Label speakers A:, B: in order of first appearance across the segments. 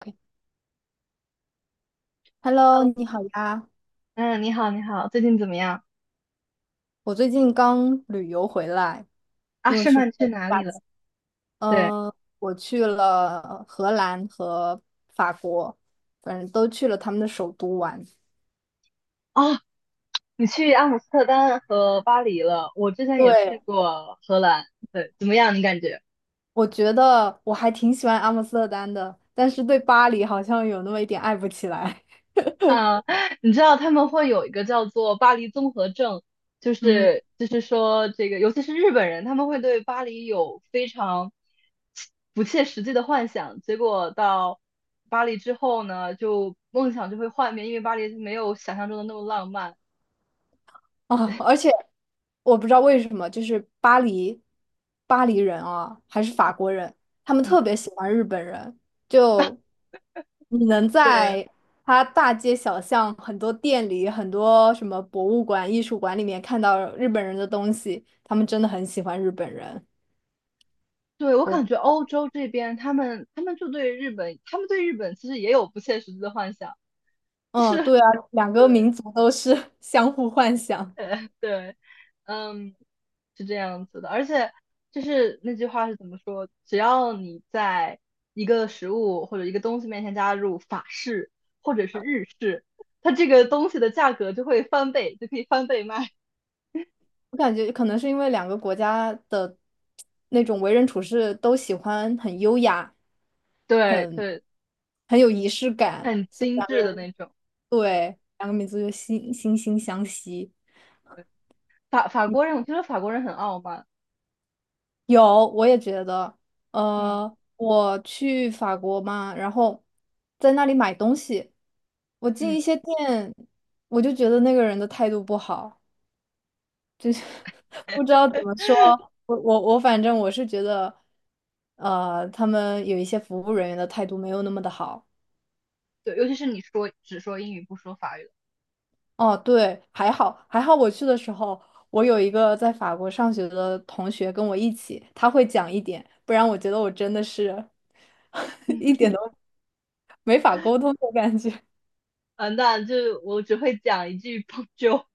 A: OK Hello，你好呀！
B: 嗯，你好，你好，最近怎么样？
A: 我最近刚旅游回来，
B: 啊，
A: 因为
B: 诗
A: 是
B: 曼，去哪
A: 法，
B: 里了？对，
A: 呃，我去了荷兰和法国，反正都去了他们的首都玩。
B: 哦，你去阿姆斯特丹和巴黎了。我之前也
A: 对，
B: 去过荷兰，对，怎么样？你感觉？
A: 我觉得我还挺喜欢阿姆斯特丹的，但是对巴黎好像有那么一点爱不起来。
B: 啊，你知道他们会有一个叫做巴黎综合症，就
A: 嗯。
B: 是就是说这个，尤其是日本人，他们会对巴黎有非常不切实际的幻想，结果到巴黎之后呢，就梦想就会幻灭，因为巴黎没有想象中的那么浪漫。
A: 啊，而且我不知道为什么，巴黎人啊，还是法国人，他们
B: 嗯，
A: 特别喜欢日本人。就你能
B: 对。
A: 在他大街小巷、很多店里、很多什么博物馆、艺术馆里面看到日本人的东西，他们真的很喜欢日本人。
B: 对，我
A: 我，
B: 感觉欧洲这边，他们就对日本，他们对日本其实也有不切实际的幻想，就
A: 嗯，
B: 是
A: 对啊，两 个
B: 对，
A: 民族都是 相互幻想。
B: 对，嗯，是这样子的。而且就是那句话是怎么说？只要你在一个食物或者一个东西面前加入法式或者是日式，它这个东西的价格就会翻倍，就可以翻倍卖。
A: 我感觉可能是因为两个国家的那种为人处事都喜欢很优雅。
B: 对
A: 很
B: 对，
A: 很有仪式感，
B: 很
A: 所以
B: 精
A: 两个
B: 致
A: 人
B: 的那种。对
A: 对两个民族就惺惺相惜。
B: 法国人，我觉得法国人很傲慢。
A: 有，我也觉得，
B: 嗯
A: 我去法国嘛，然后在那里买东西，我进
B: 嗯。
A: 一些店，我就觉得那个人的态度不好，就是 不知道怎么说。我我我，反正我是觉得，他们有一些服务人员的态度没有那么的好。
B: 对，尤其是你说只说英语不说法语，
A: 哦，对，还好，我去的时候，我有一个在法国上学的同学跟我一起，他会讲一点，不然我觉得我真的是 一点都没法沟通的感觉。
B: 嗯，那就我只会讲一句 Bonjour，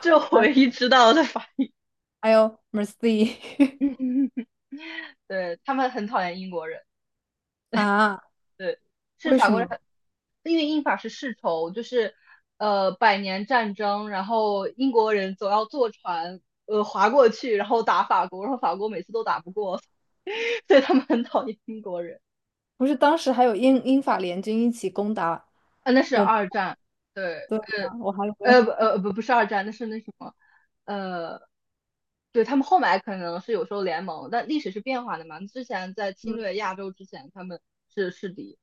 B: 这我唯
A: 啊
B: 一知道的法语。
A: 还有 Mercy
B: 对他们很讨厌英国人，
A: 啊，
B: 对，是
A: 为
B: 法
A: 什
B: 国人
A: 么？
B: 很因为英法是世仇，就是百年战争，然后英国人总要坐船划过去，然后打法国，然后法国每次都打不过，所以他们很讨厌英国人。
A: 不是当时还有英法联军一起攻打
B: 啊，那是
A: 我们？
B: 二战，对，
A: 对呀，我还以为，
B: 不是二战，那什么，呃，对他们后来可能是有时候联盟，但历史是变化的嘛。之前在侵
A: 嗯，
B: 略亚洲之前，他们是是敌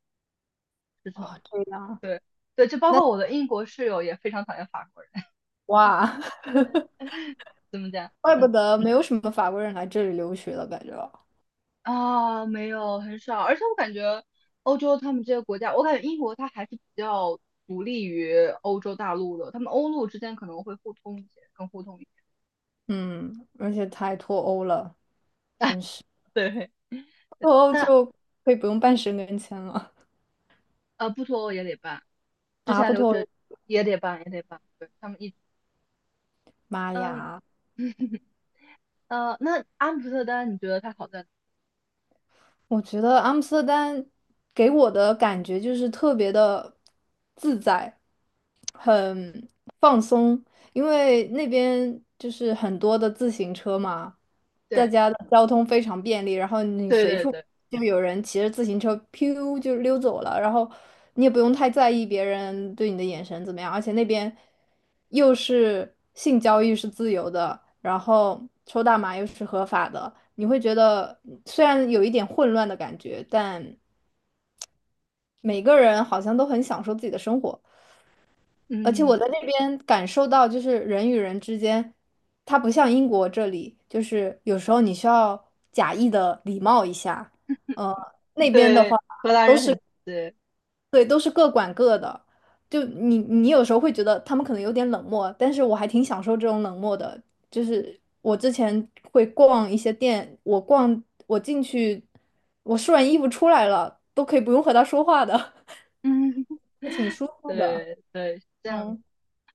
B: 是仇，
A: 哦，这样，
B: 对，就包
A: 那
B: 括我的英国室友也非常讨厌法国人，
A: 哇，
B: 怎么讲？
A: 怪不
B: 嗯
A: 得没有什么法国人来这里留学了，感觉，
B: 啊，没有很少，而且我感觉欧洲他们这些国家，我感觉英国它还是比较独立于欧洲大陆的，他们欧陆之间可能会互通一些，更互通一些。
A: 嗯，而且太脱欧了。
B: 对，
A: 脱欧
B: 但
A: 就可以不用办申根签了
B: 不脱欧也得办。之
A: 啊！
B: 前
A: 不
B: 留
A: 脱
B: 学
A: 欧
B: 也得办，也得办。对，他们一直，
A: 妈
B: 嗯，
A: 呀！
B: 那阿姆斯特丹，你觉得它好在哪？
A: 我觉得阿姆斯特丹给我的感觉就是特别的自在，很放松，因为那边就是很多的自行车嘛，大
B: 对，
A: 家的交通非常便利，然后你
B: 对
A: 随
B: 对
A: 处
B: 对，
A: 就有人骑着自行车，噗就溜走了，然后你也不用太在意别人对你的眼神怎么样，而且那边又是性交易是自由的，然后抽大麻又是合法的，你会觉得虽然有一点混乱的感觉，但每个人好像都很享受自己的生活。而且
B: 嗯，
A: 我在那边感受到，就是人与人之间，它不像英国这里，就是有时候你需要假意的礼貌一下。呃，那边的
B: 对，
A: 话，
B: 荷兰人很对，
A: 对，都是各管各的。你有时候会觉得他们可能有点冷漠，但是我还挺享受这种冷漠的。就是我之前会逛一些店，我进去，我试完衣服出来了，都可以不用和他说话的，
B: 嗯，
A: 挺舒服的。
B: 对对，是这样子。
A: 嗯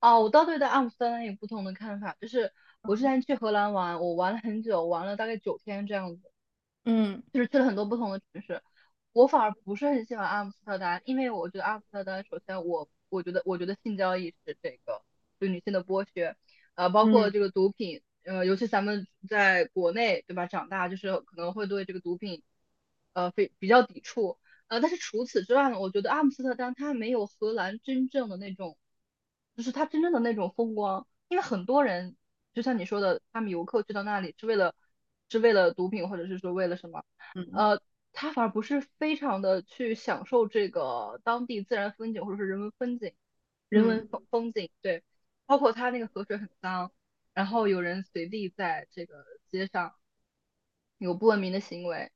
B: 啊，我倒对待阿姆斯特丹有不同的看法，就是我之前去荷兰玩，我玩了很久，玩了大概9天这样子，
A: 嗯
B: 就是去了很多不同的城市。我反而不是很喜欢阿姆斯特丹，因为我觉得阿姆斯特丹，首先我觉得性交易是这个对女性的剥削，包括
A: 嗯
B: 这个毒品，尤其咱们在国内对吧，长大就是可能会对这个毒品，呃，非比较抵触，但是除此之外呢，我觉得阿姆斯特丹它没有荷兰真正的那种，就是它真正的那种风光，因为很多人就像你说的，他们游客去到那里是为了毒品或者是说为了什么。
A: 嗯
B: 呃，他反而不是非常的去享受这个当地自然风景或者是人文风景，人
A: 嗯，
B: 文风景，对，包括他那个河水很脏，然后有人随地在这个街上有不文明的行为，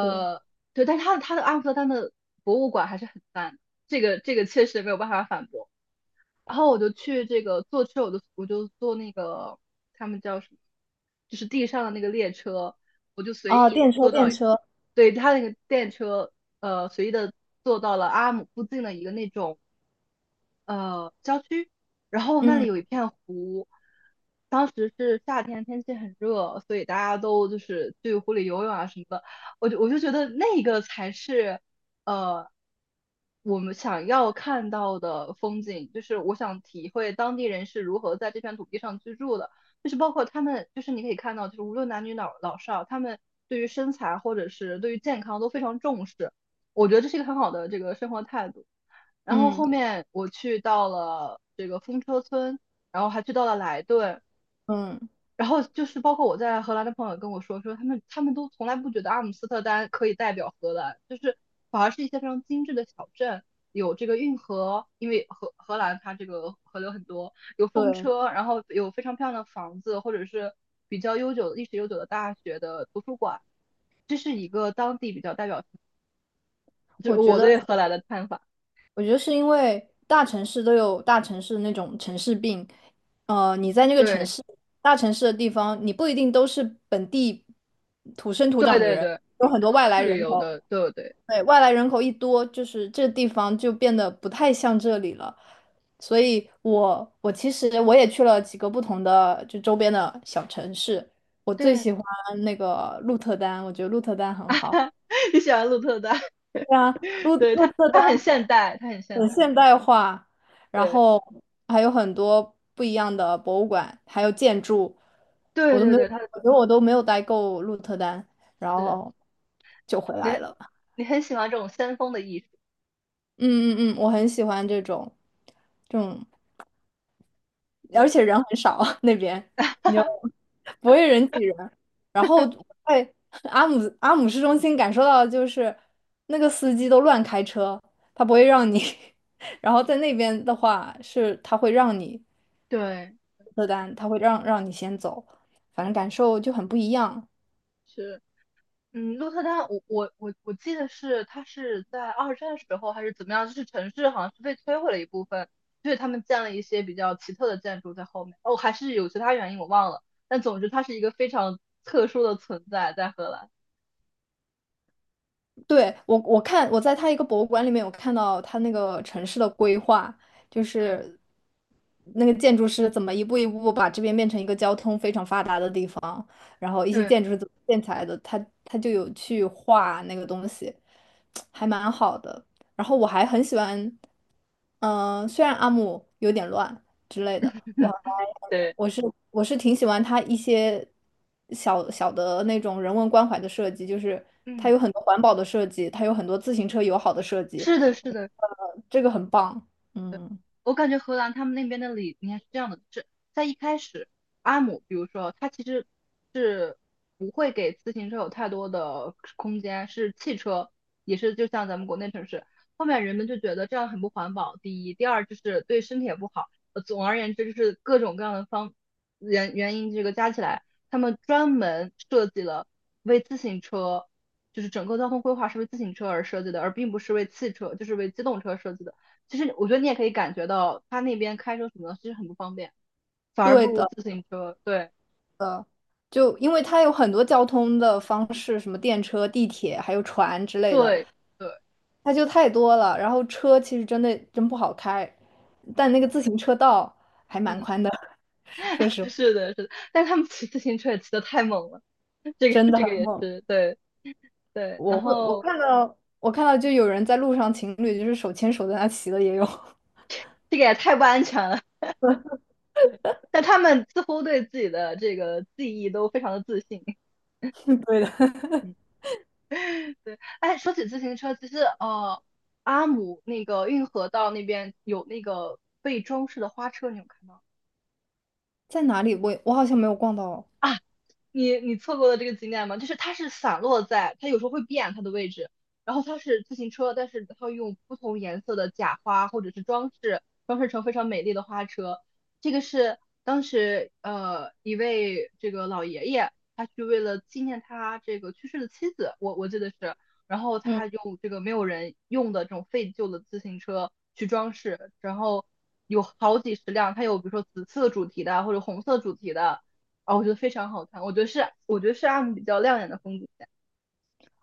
A: 对。
B: 对，但他的阿姆斯特丹的博物馆还是很赞的，这个确实没有办法反驳。然后我就去这个坐车，我就坐那个他们叫什么，就是地上的那个列车，我就随
A: 哦，
B: 意
A: 电车，
B: 坐到。
A: 电车，
B: 对，他那个电车，随意的坐到了阿姆附近的一个那种。郊区，然后那里
A: 嗯
B: 有一片湖，当时是夏天，天气很热，所以大家都就是去湖里游泳啊什么的。我就觉得那个才是呃我们想要看到的风景，就是我想体会当地人是如何在这片土地上居住的，就是包括他们，就是你可以看到，就是无论男女老少，他们对于身材或者是对于健康都非常重视。我觉得这是一个很好的这个生活态度。然后
A: 嗯
B: 后面我去到了这个风车村，然后还去到了莱顿，
A: 嗯，
B: 然后就是包括我在荷兰的朋友跟我说，说他们都从来不觉得阿姆斯特丹可以代表荷兰，就是反而是一些非常精致的小镇，有这个运河，因为荷兰它这个河流很多，有风
A: 对，
B: 车，然后有非常漂亮的房子，或者是比较悠久的历史悠久的大学的图书馆，这是一个当地比较代表，就是
A: 我觉
B: 我
A: 得，
B: 对荷兰的看法。
A: 我觉得是因为大城市都有大城市那种城市病，你在那个城
B: 对
A: 市，大城市的地方，你不一定都是本地土生土
B: 对
A: 长的
B: 对
A: 人，
B: 对，
A: 有很多
B: 都
A: 外来
B: 是
A: 人
B: 旅游
A: 口，
B: 的，对对。
A: 对，外来人口一多，就是这地方就变得不太像这里了。所以其实我也去了几个不同的就周边的小城市，我最
B: 对，
A: 喜欢那个鹿特丹，我觉得鹿特丹很好。
B: 你喜欢鹿特丹？
A: 对啊，
B: 对，
A: 鹿
B: 它
A: 特
B: 它很
A: 丹
B: 现代，它很现
A: 很
B: 代。
A: 现代化，然
B: 对
A: 后还有很多不一样的博物馆，还有建筑，
B: 对
A: 我都
B: 对
A: 没有，
B: 对，它
A: 我觉得我都没有待够鹿特丹，然
B: 是
A: 后就回
B: 你
A: 来了。
B: 你很喜欢这种先锋的艺术。
A: 嗯，我很喜欢这种
B: 对
A: 而且人很少 那边，你就 不会人挤人。然后我在阿姆阿姆市中心感受到的就是那个司机都乱开车，他不会让你。然后在那边的话是他会让你
B: 对，
A: 车单，他会让你先走，反正感受就很不一样。
B: 是嗯，鹿特丹，我记得是它是在二战时候还是怎么样，就是城市好像是被摧毁了一部分，所以他们建了一些比较奇特的建筑在后面。哦，还是有其他原因我忘了，但总之它是一个非常特殊的存在在荷兰。
A: 对，我在他一个博物馆里面有看到他那个城市的规划，就是那个建筑师怎么一步一步把这边变成一个交通非常发达的地方，然后一些
B: 对
A: 建筑是怎么建起来的，他就有去画那个东西，还蛮好的。然后我还很喜欢，嗯、虽然阿姆有点乱，之类的。
B: 对，
A: 我是我是挺喜欢它一些小小的那种人文关怀的设计，就是它
B: 嗯，
A: 有很多环保的设计，它有很多自行车友好的设计，
B: 是的，是的。
A: 呃，这个很棒。嗯，
B: 我感觉荷兰他们那边的理念是这样的，就是在一开始，阿姆，比如说他其实是不会给自行车有太多的空间，是汽车，也是就像咱们国内城市。后面人们就觉得这样很不环保，第一，第二就是对身体也不好。总而言之，就是各种各样的原因，这个加起来，他们专门设计了为自行车，就是整个交通规划是为自行车而设计的，而并不是为汽车，就是为机动车设计的。其实我觉得你也可以感觉到，他那边开车什么的其实很不方便，反而不
A: 对
B: 如
A: 的，
B: 自行车。对
A: 就因为它有很多交通的方式，什么电车、地铁，还有船之类的，
B: 对对，
A: 它就太多了。然后车其实真的真不好开，但那个自行车道还
B: 嗯，
A: 蛮宽的，说实 话，
B: 是的，是的。但是他们骑自行车也骑的太猛了，这个
A: 真的
B: 这个
A: 很
B: 也
A: 猛。
B: 是对对。然后
A: 我看到就有人在路上情侣就是手牵手在那骑的也有，
B: 这个也太不安全了，对。但他们似乎对自己的这个记忆都非常的自信。
A: 对的，
B: 嗯，对。哎，说起自行车，其实，阿姆那个运河道那边有那个被装饰的花车，你有看到吗？
A: 在哪里我我好像没有逛到哦，
B: 你错过了这个景点吗？就是它是散落在，它有时候会变它的位置，然后它是自行车，但是它会用不同颜色的假花或者是装饰，装饰成非常美丽的花车。这个是当时一位这个老爷爷，他去为了纪念他这个去世的妻子，我记得是，然后
A: 嗯，
B: 他用这个没有人用的这种废旧的自行车去装饰，然后有好几十辆，它有比如说紫色主题的或者红色主题的。啊，我觉得非常好看，我觉得是阿姆比较亮眼的风景线，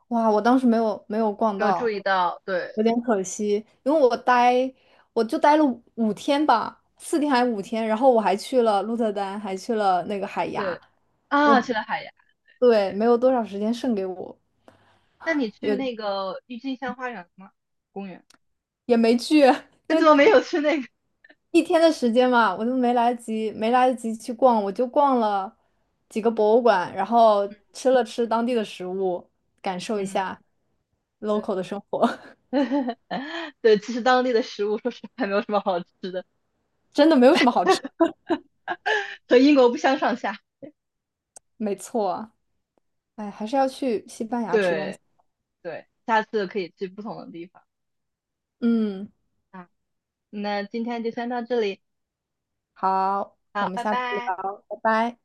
A: 哇，我当时没有逛
B: 没有注意
A: 到，
B: 到，对
A: 有点可惜，因为我就待了五天吧，4天还5天，然后我还去了鹿特丹，还去了那个海牙，
B: 对
A: 我
B: 啊，去了海牙，
A: 对没有多少时间剩给我，
B: 那你去那
A: 有
B: 个郁金香花园了吗？公园？
A: 也没去，因
B: 那怎么没
A: 为
B: 有去那个？
A: 1天的时间嘛，我都没来得及，没来得及去逛，我就逛了几个博物馆，然后吃了吃当地的食物，感受一
B: 嗯，
A: 下
B: 对
A: local 的生活，
B: 对，其实当地的食物说实话没有什么好吃的，
A: 真的没有什么好吃的，
B: 和英国不相上下。
A: 没错，哎，还是要去西班牙吃东西。
B: 对对，下次可以去不同的地方
A: 嗯，
B: 啊。那今天就先到这里，
A: 好，我
B: 好，
A: 们
B: 拜
A: 下次
B: 拜。
A: 聊，拜拜。